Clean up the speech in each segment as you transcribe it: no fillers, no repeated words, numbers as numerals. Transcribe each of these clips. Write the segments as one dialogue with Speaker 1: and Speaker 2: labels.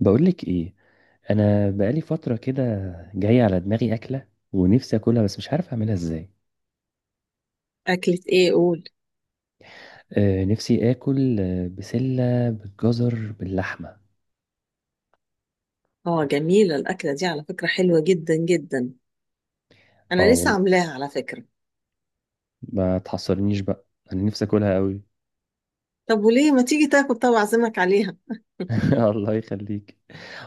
Speaker 1: بقولك ايه؟ انا بقالي فتره كده جايه على دماغي اكله ونفسي اكلها بس مش عارف اعملها ازاي.
Speaker 2: أكلة إيه قول؟
Speaker 1: نفسي اكل بسله بالجزر باللحمه.
Speaker 2: جميلة الأكلة دي على فكرة، حلوة جدا جدا.
Speaker 1: اه
Speaker 2: أنا لسه
Speaker 1: والله،
Speaker 2: عاملاها على فكرة.
Speaker 1: ما تحصرنيش بقى. انا نفسي اكلها قوي.
Speaker 2: طب وليه ما تيجي تاكل؟ طب أعزمك عليها.
Speaker 1: الله يخليك.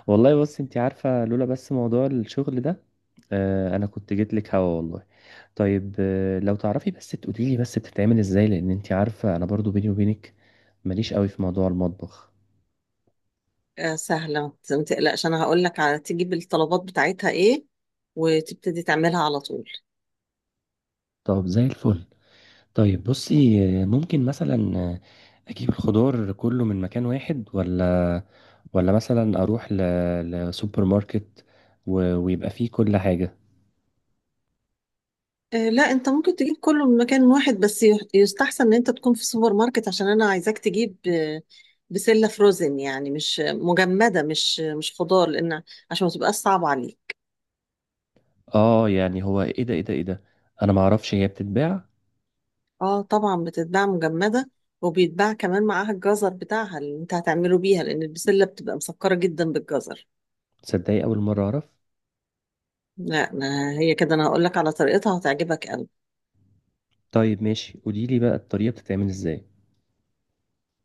Speaker 1: والله بص، انت عارفه لولا بس موضوع الشغل ده. انا كنت جيت لك هوا والله. طيب، لو تعرفي بس تقولي لي بس بتتعمل ازاي، لان انت عارفه انا برضو بيني وبينك ماليش قوي في موضوع المطبخ.
Speaker 2: سهلة، ما تقلقش، أنا هقول لك على تجيب الطلبات بتاعتها إيه وتبتدي تعملها على طول.
Speaker 1: طب زي الفل. طيب بصي، ممكن مثلا اجيب الخضار كله من مكان واحد، ولا مثلا اروح لسوبر ماركت ويبقى فيه كل حاجة؟
Speaker 2: لا، أنت ممكن تجيب كله من مكان واحد بس يستحسن إن أنت تكون في سوبر ماركت عشان أنا عايزاك تجيب بسلة فروزن، يعني مش مجمدة، مش خضار، لأن عشان ما تبقاش صعبة عليك.
Speaker 1: اه يعني، هو ايه ده؟ انا ما اعرفش هي بتتباع.
Speaker 2: اه طبعا بتتباع مجمدة، وبيتباع كمان معاها الجزر بتاعها اللي انت هتعمله بيها، لان البسلة بتبقى مسكرة جدا بالجزر.
Speaker 1: تصدقي؟ اول مرة اعرف.
Speaker 2: لا أنا هي كده، انا هقول لك على طريقتها، هتعجبك قوي.
Speaker 1: طيب ماشي، قولي لي بقى الطريقة بتتعمل ازاي.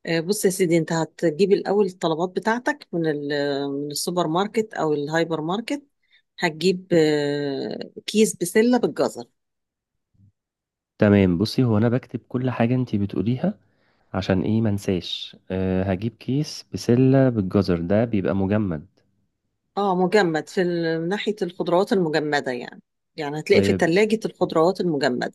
Speaker 2: بص يا سيدي، انت هتجيب الاول الطلبات بتاعتك من السوبر ماركت او الهايبر ماركت. هتجيب كيس بسلة بالجزر.
Speaker 1: تمام بصي، هو انا بكتب كل حاجة انتي بتقوليها عشان ايه منساش. هجيب كيس بسلة بالجزر ده بيبقى مجمد.
Speaker 2: اه مجمد، من ناحية الخضروات المجمدة يعني، يعني هتلاقي في
Speaker 1: طيب،
Speaker 2: تلاجة الخضروات المجمدة.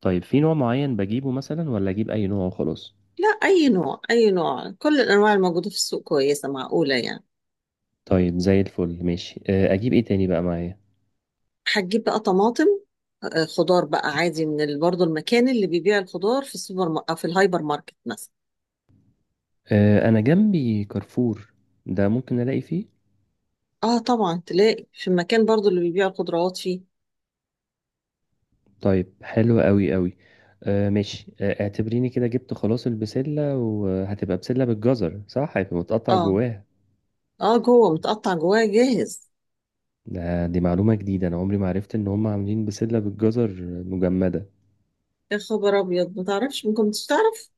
Speaker 1: طيب في نوع معين بجيبه مثلا ولا اجيب اي نوع وخلاص؟
Speaker 2: لا، أي نوع أي نوع، كل الأنواع الموجودة في السوق كويسة معقولة يعني.
Speaker 1: طيب زي الفل ماشي. اجيب ايه تاني بقى معايا؟
Speaker 2: هتجيب بقى طماطم، خضار بقى عادي برضه، المكان اللي بيبيع الخضار في السوبر أو في الهايبر ماركت مثلا.
Speaker 1: انا جنبي كارفور، ده ممكن الاقي فيه.
Speaker 2: اه طبعا تلاقي في المكان برضه اللي بيبيع الخضروات فيه.
Speaker 1: طيب حلو قوي قوي. ماشي. اعتبريني كده جبت خلاص البسلة، وهتبقى بسلة بالجزر، صح؟ هيبقى متقطع
Speaker 2: اه
Speaker 1: جواها.
Speaker 2: اه، جوه متقطع، جواه جاهز.
Speaker 1: دي معلومة جديدة، انا عمري ما عرفت ان هم عاملين بسلة بالجزر مجمدة.
Speaker 2: يا خبر أبيض، ما تعرفش، ممكن مش تعرف.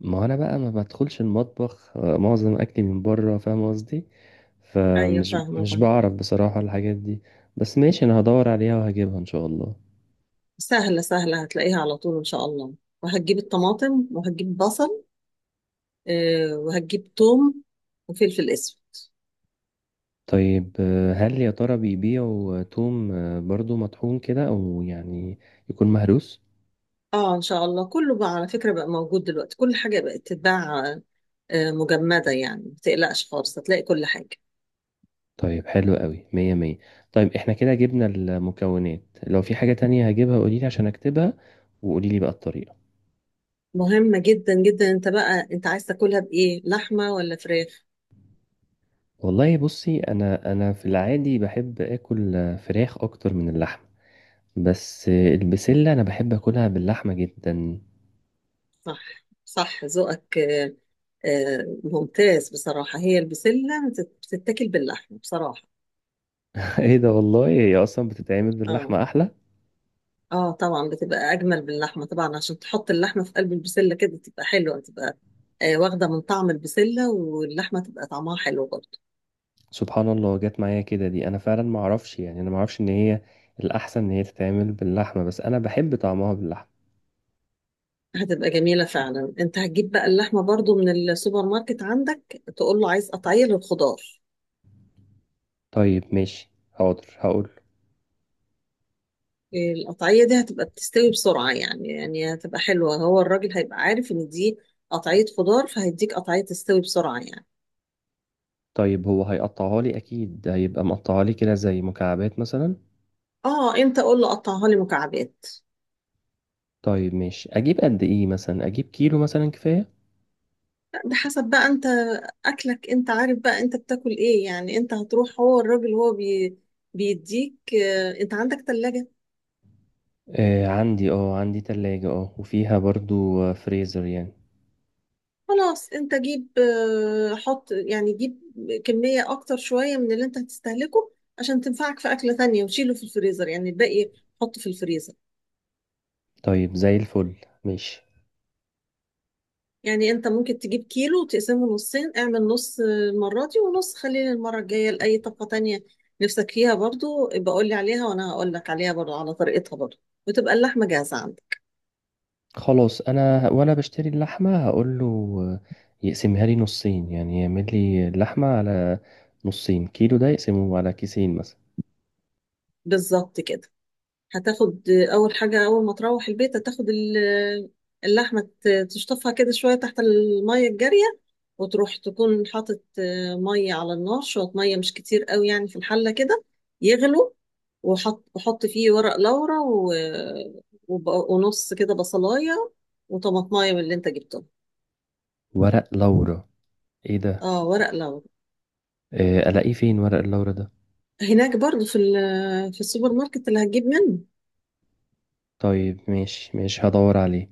Speaker 1: ما انا بقى ما بدخلش المطبخ، معظم اكلي من بره، فاهم قصدي؟
Speaker 2: أيوة
Speaker 1: فمش
Speaker 2: فاهمة
Speaker 1: مش
Speaker 2: فاهمة.
Speaker 1: بعرف بصراحة الحاجات دي. بس ماشي، انا هدور عليها وهجيبها ان شاء الله.
Speaker 2: سهلة سهلة، هتلاقيها على طول إن شاء الله، وهتجيب الطماطم وهتجيب بصل، وهتجيب توم وفلفل أسود.
Speaker 1: طيب، هل يا ترى بيبيعوا توم برضو مطحون كده، او يعني يكون مهروس؟
Speaker 2: اه ان شاء الله كله بقى على فكرة بقى موجود دلوقتي، كل حاجة بقت تتباع مجمدة يعني، ما تقلقش خالص، هتلاقي كل حاجة.
Speaker 1: طيب حلو قوي، مية مية. طيب احنا كده جبنا المكونات. لو في حاجة تانية هجيبها قوليلي عشان اكتبها، وقوليلي بقى الطريقة.
Speaker 2: مهمة جدا جدا، انت بقى انت عايز تاكلها بايه، لحمة ولا فراخ؟
Speaker 1: والله بصي، انا في العادي بحب اكل فراخ اكتر من اللحم. بس البسلة انا بحب اكلها باللحمة جدا.
Speaker 2: صح صح، ذوقك ممتاز بصراحة، هي البسلة بتتاكل باللحمة بصراحة.
Speaker 1: ايه ده؟ والله هي اصلا بتتعمل
Speaker 2: اه
Speaker 1: باللحمة احلى.
Speaker 2: اه طبعا، بتبقى اجمل باللحمة طبعا، عشان تحط اللحمة في قلب البسلة كده تبقى حلوة، تبقى واخدة من طعم البسلة، واللحمة تبقى طعمها حلو برضه.
Speaker 1: سبحان الله، جت معايا كده دي. انا فعلا ما اعرفش، يعني انا ما اعرفش ان هي الاحسن ان هي تتعمل باللحمه، بس انا بحب طعمها باللحمه.
Speaker 2: هتبقى جميلة فعلا. انت هتجيب بقى اللحمة برضو من السوبر ماركت عندك، تقول له عايز قطعية للخضار.
Speaker 1: طيب ماشي، حاضر هقول.
Speaker 2: القطعية دي هتبقى بتستوي بسرعة يعني هتبقى حلوة، هو الراجل هيبقى عارف ان دي قطعية خضار، فهيديك قطعية تستوي بسرعة يعني.
Speaker 1: طيب، هو هيقطعها لي اكيد، هيبقى مقطعها لي كده زي مكعبات مثلا.
Speaker 2: اه انت قول له قطعها لي مكعبات.
Speaker 1: طيب ماشي، اجيب قد ايه مثلا؟ اجيب كيلو مثلا كفايه؟
Speaker 2: لا، بحسب بقى انت اكلك، انت عارف بقى انت بتاكل ايه يعني، انت هتروح، هو الراجل هو بي بيديك، انت عندك تلاجة.
Speaker 1: آه، عندي تلاجة، وفيها برضو فريزر يعني.
Speaker 2: خلاص انت جيب آه، حط يعني جيب كمية اكتر شوية من اللي انت هتستهلكه، عشان تنفعك في اكلة تانية، وشيله في الفريزر يعني الباقي، حطه في الفريزر.
Speaker 1: طيب زي الفل ماشي.
Speaker 2: يعني انت ممكن تجيب كيلو وتقسمه نصين، اعمل نص المرة دي، ونص خليه للمرة الجاية لأي طبقة تانية نفسك فيها برضو، يبقى قول لي عليها وانا هقول لك عليها برضو، على طريقتها برضو، وتبقى اللحمة جاهزة عندك.
Speaker 1: خلاص، انا وانا بشتري اللحمه هقول له يقسمها لي نصين، يعني يعمل لي اللحمه على نصين. كيلو ده يقسمه على كيسين مثلا.
Speaker 2: بالظبط كده. هتاخد أول حاجة، أول ما تروح البيت هتاخد اللحمة، تشطفها كده شوية تحت المية الجارية، وتروح تكون حاطط مية على النار، شوية مية مش كتير قوي يعني في الحلة كده، يغلوا، وحط فيه ورق لورا ونص كده بصلاية وطماطماية من اللي انت جبته.
Speaker 1: ورق لورا؟ ايه ده؟
Speaker 2: اه ورق لورا.
Speaker 1: الاقيه فين ورق اللورا ده؟
Speaker 2: هناك برضو في السوبر ماركت اللي هتجيب منه.
Speaker 1: طيب ماشي ماشي، هدور عليه.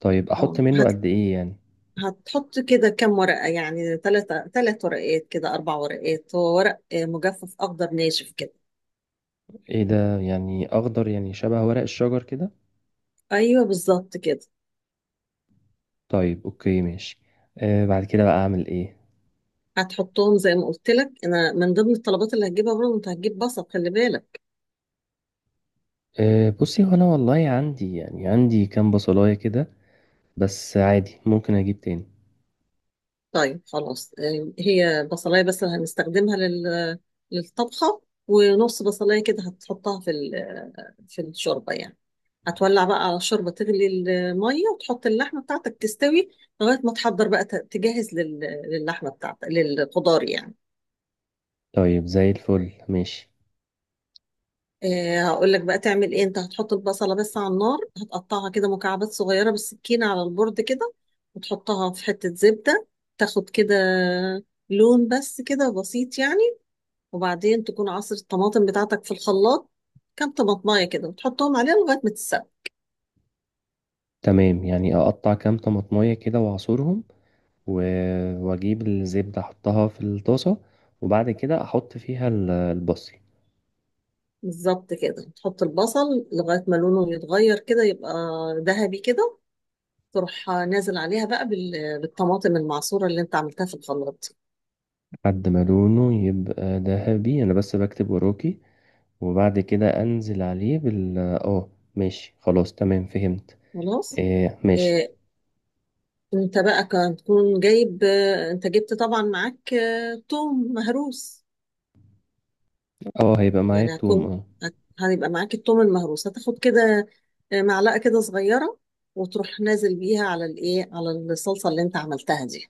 Speaker 1: طيب احط
Speaker 2: اه
Speaker 1: منه قد ايه يعني؟
Speaker 2: هتحط كده كام ورقة يعني، ثلاث ورقات كده، أربع ورقات، هو ورق مجفف أخضر ناشف كده.
Speaker 1: ايه ده؟ يعني اخضر، يعني شبه ورق الشجر كده؟
Speaker 2: أيوه بالظبط كده.
Speaker 1: طيب اوكي ماشي. بعد كده بقى اعمل ايه؟
Speaker 2: هتحطهم زي ما قلت لك أنا، من ضمن الطلبات اللي هتجيبها برضه أنت هتجيب بصل، خلي بالك.
Speaker 1: بصي، هو انا والله عندي، يعني عندي كام بصلايه كده، بس عادي ممكن اجيب تاني.
Speaker 2: طيب خلاص، هي بصلاية بس اللي هنستخدمها للطبخة، ونص بصلاية كده هتحطها في الشوربة يعني. هتولع بقى على الشوربة، تغلي المية وتحط اللحمة بتاعتك تستوي، لغاية ما تحضر بقى تجهز للحمة بتاعتك، للخضار يعني.
Speaker 1: طيب زي الفل ماشي.
Speaker 2: هقول لك بقى تعمل ايه. انت هتحط البصله بس على النار، هتقطعها كده مكعبات صغيره بالسكينه على البورد كده، وتحطها في حته زبده، تاخد كده لون بس كده بسيط يعني، وبعدين تكون عصر الطماطم بتاعتك في الخلاط، كام طماطمايه كده، وتحطهم عليها لغايه ما تتسبك.
Speaker 1: تمام، يعني اقطع كام طماطمية كده واعصرهم، و... واجيب الزبدة احطها في الطاسة، وبعد كده احط فيها البصل.
Speaker 2: بالظبط كده، تحط البصل لغايه ما لونه يتغير كده، يبقى ذهبي كده، تروح نازل عليها بقى بالطماطم المعصوره اللي انت عملتها في الخلاط دي.
Speaker 1: لحد ما لونه يبقى ذهبي، انا بس بكتب وراكي. وبعد كده انزل عليه بال اه ماشي خلاص تمام، فهمت.
Speaker 2: خلاص،
Speaker 1: آه، ماشي.
Speaker 2: آه، انت بقى كان تكون جايب، انت جبت طبعا معاك توم مهروس،
Speaker 1: اه، هيبقى معايا
Speaker 2: يعني
Speaker 1: التوم،
Speaker 2: هتكون،
Speaker 1: اه.
Speaker 2: هيبقى معاك التوم المهروس، هتاخد كده معلقة كده صغيرة، وتروح نازل بيها على الايه على الصلصة اللي انت عملتها دي.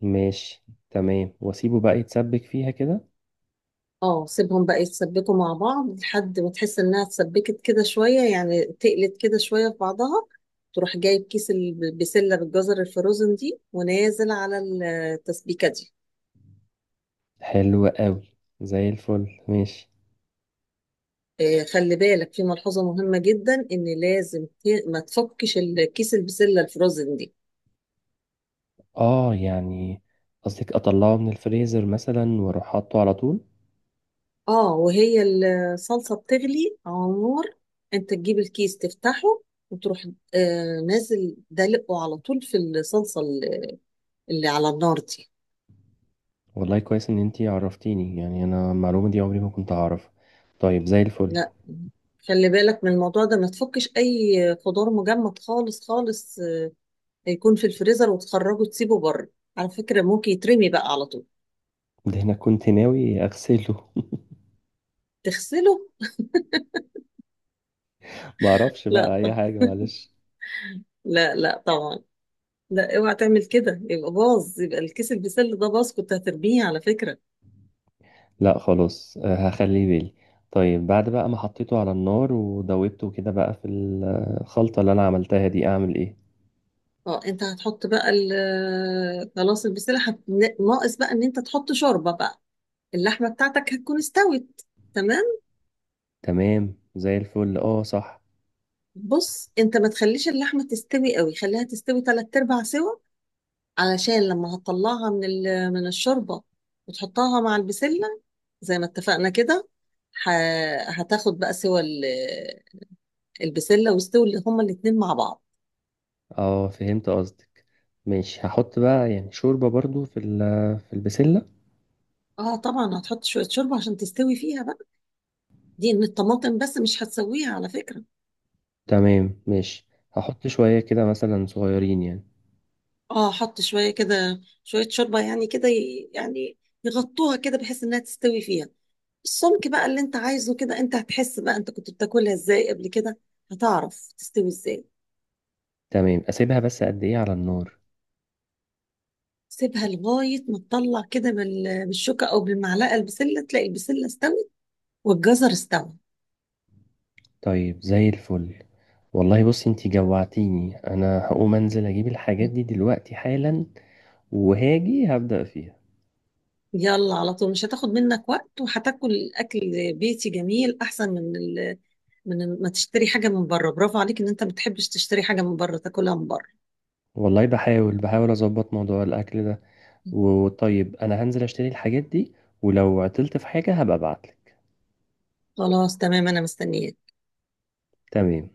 Speaker 1: ماشي تمام، واسيبه بقى يتسبك فيها كده.
Speaker 2: اه سيبهم بقى يتسبكوا مع بعض لحد ما تحس انها اتسبكت كده شوية يعني، تقلت كده شوية في بعضها، تروح جايب كيس البسلة بالجزر الفروزن دي ونازل على التسبيكة دي.
Speaker 1: حلو قوي، زي الفل ماشي.
Speaker 2: خلي بالك في ملحوظة مهمة جدا، إن لازم ما تفكش الكيس البسلة الفروزن دي.
Speaker 1: اه يعني، قصدك اطلعه من الفريزر مثلا واروح حاطه على طول؟
Speaker 2: اه، وهي الصلصة بتغلي على النار، انت تجيب الكيس تفتحه، وتروح نازل دلقه على طول في الصلصة اللي على النار دي.
Speaker 1: والله كويس ان انتي عرفتيني، يعني انا المعلومة دي عمري ما كنت اعرف. طيب زي الفل.
Speaker 2: لا، خلي بالك من الموضوع ده، ما تفكش أي خضار مجمد خالص خالص يكون في الفريزر وتخرجه تسيبه بره، على فكرة ممكن يترمي بقى على طول.
Speaker 1: ده انا كنت ناوي اغسله.
Speaker 2: تغسله؟
Speaker 1: معرفش بقى
Speaker 2: لا
Speaker 1: اي
Speaker 2: طب،
Speaker 1: حاجة، معلش.
Speaker 2: لا لا طبعا، لا اوعى تعمل كده يبقى باظ، يبقى الكيس البسله ده باظ، كنت هترميه على فكره.
Speaker 1: لا خلاص، هخليه بالي. طيب بعد بقى ما حطيته على النار ودوبته كده بقى في الخلطة اللي انا عملتها دي، اعمل ايه؟
Speaker 2: اه انت هتحط بقى خلاص البسله ناقص بقى ان انت تحط شوربه بقى، اللحمه بتاعتك هتكون استوت. تمام.
Speaker 1: تمام زي الفل، اه صح.
Speaker 2: بص، انت ما تخليش اللحمه تستوي قوي، خليها تستوي تلات ارباع سوا، علشان لما هتطلعها من الشوربه وتحطها مع البسله زي ما اتفقنا كده، ه... هتاخد بقى سوا البسله، واستوي هما الاتنين مع بعض.
Speaker 1: اه فهمت قصدك، ماشي هحط بقى يعني شوربة برضو في البسلة.
Speaker 2: اه طبعا هتحط شويه شوربه عشان تستوي فيها بقى، دي من الطماطم بس مش هتسويها على فكره.
Speaker 1: تمام ماشي، هحط شوية كده مثلا صغيرين يعني.
Speaker 2: اه حط شويه كده شويه شوربه يعني كده يعني يغطوها كده بحيث انها تستوي فيها السمك بقى اللي انت عايزه كده، انت هتحس بقى انت كنت بتاكلها ازاي قبل كده، هتعرف تستوي ازاي.
Speaker 1: تمام، اسيبها بس قد ايه على النار؟
Speaker 2: سيبها لغايه ما تطلع كده بالشوكه او بالمعلقه البسله، تلاقي البسله استوت والجزر استوى.
Speaker 1: طيب زي الفل. والله بصي، انتي جوعتيني. انا هقوم انزل اجيب الحاجات دي دلوقتي حالا، وهاجي هبدأ فيها.
Speaker 2: يلا على طول، مش هتاخد منك وقت، وهتاكل اكل بيتي جميل احسن من ما تشتري حاجة من بره، برافو عليك ان انت ما بتحبش تشتري حاجة من بره تاكلها من بره.
Speaker 1: والله بحاول بحاول اظبط موضوع الاكل ده. وطيب انا هنزل اشتري الحاجات دي، ولو عطلت في حاجة هبقى ابعتلك.
Speaker 2: خلاص تمام انا مستنياك.
Speaker 1: تمام.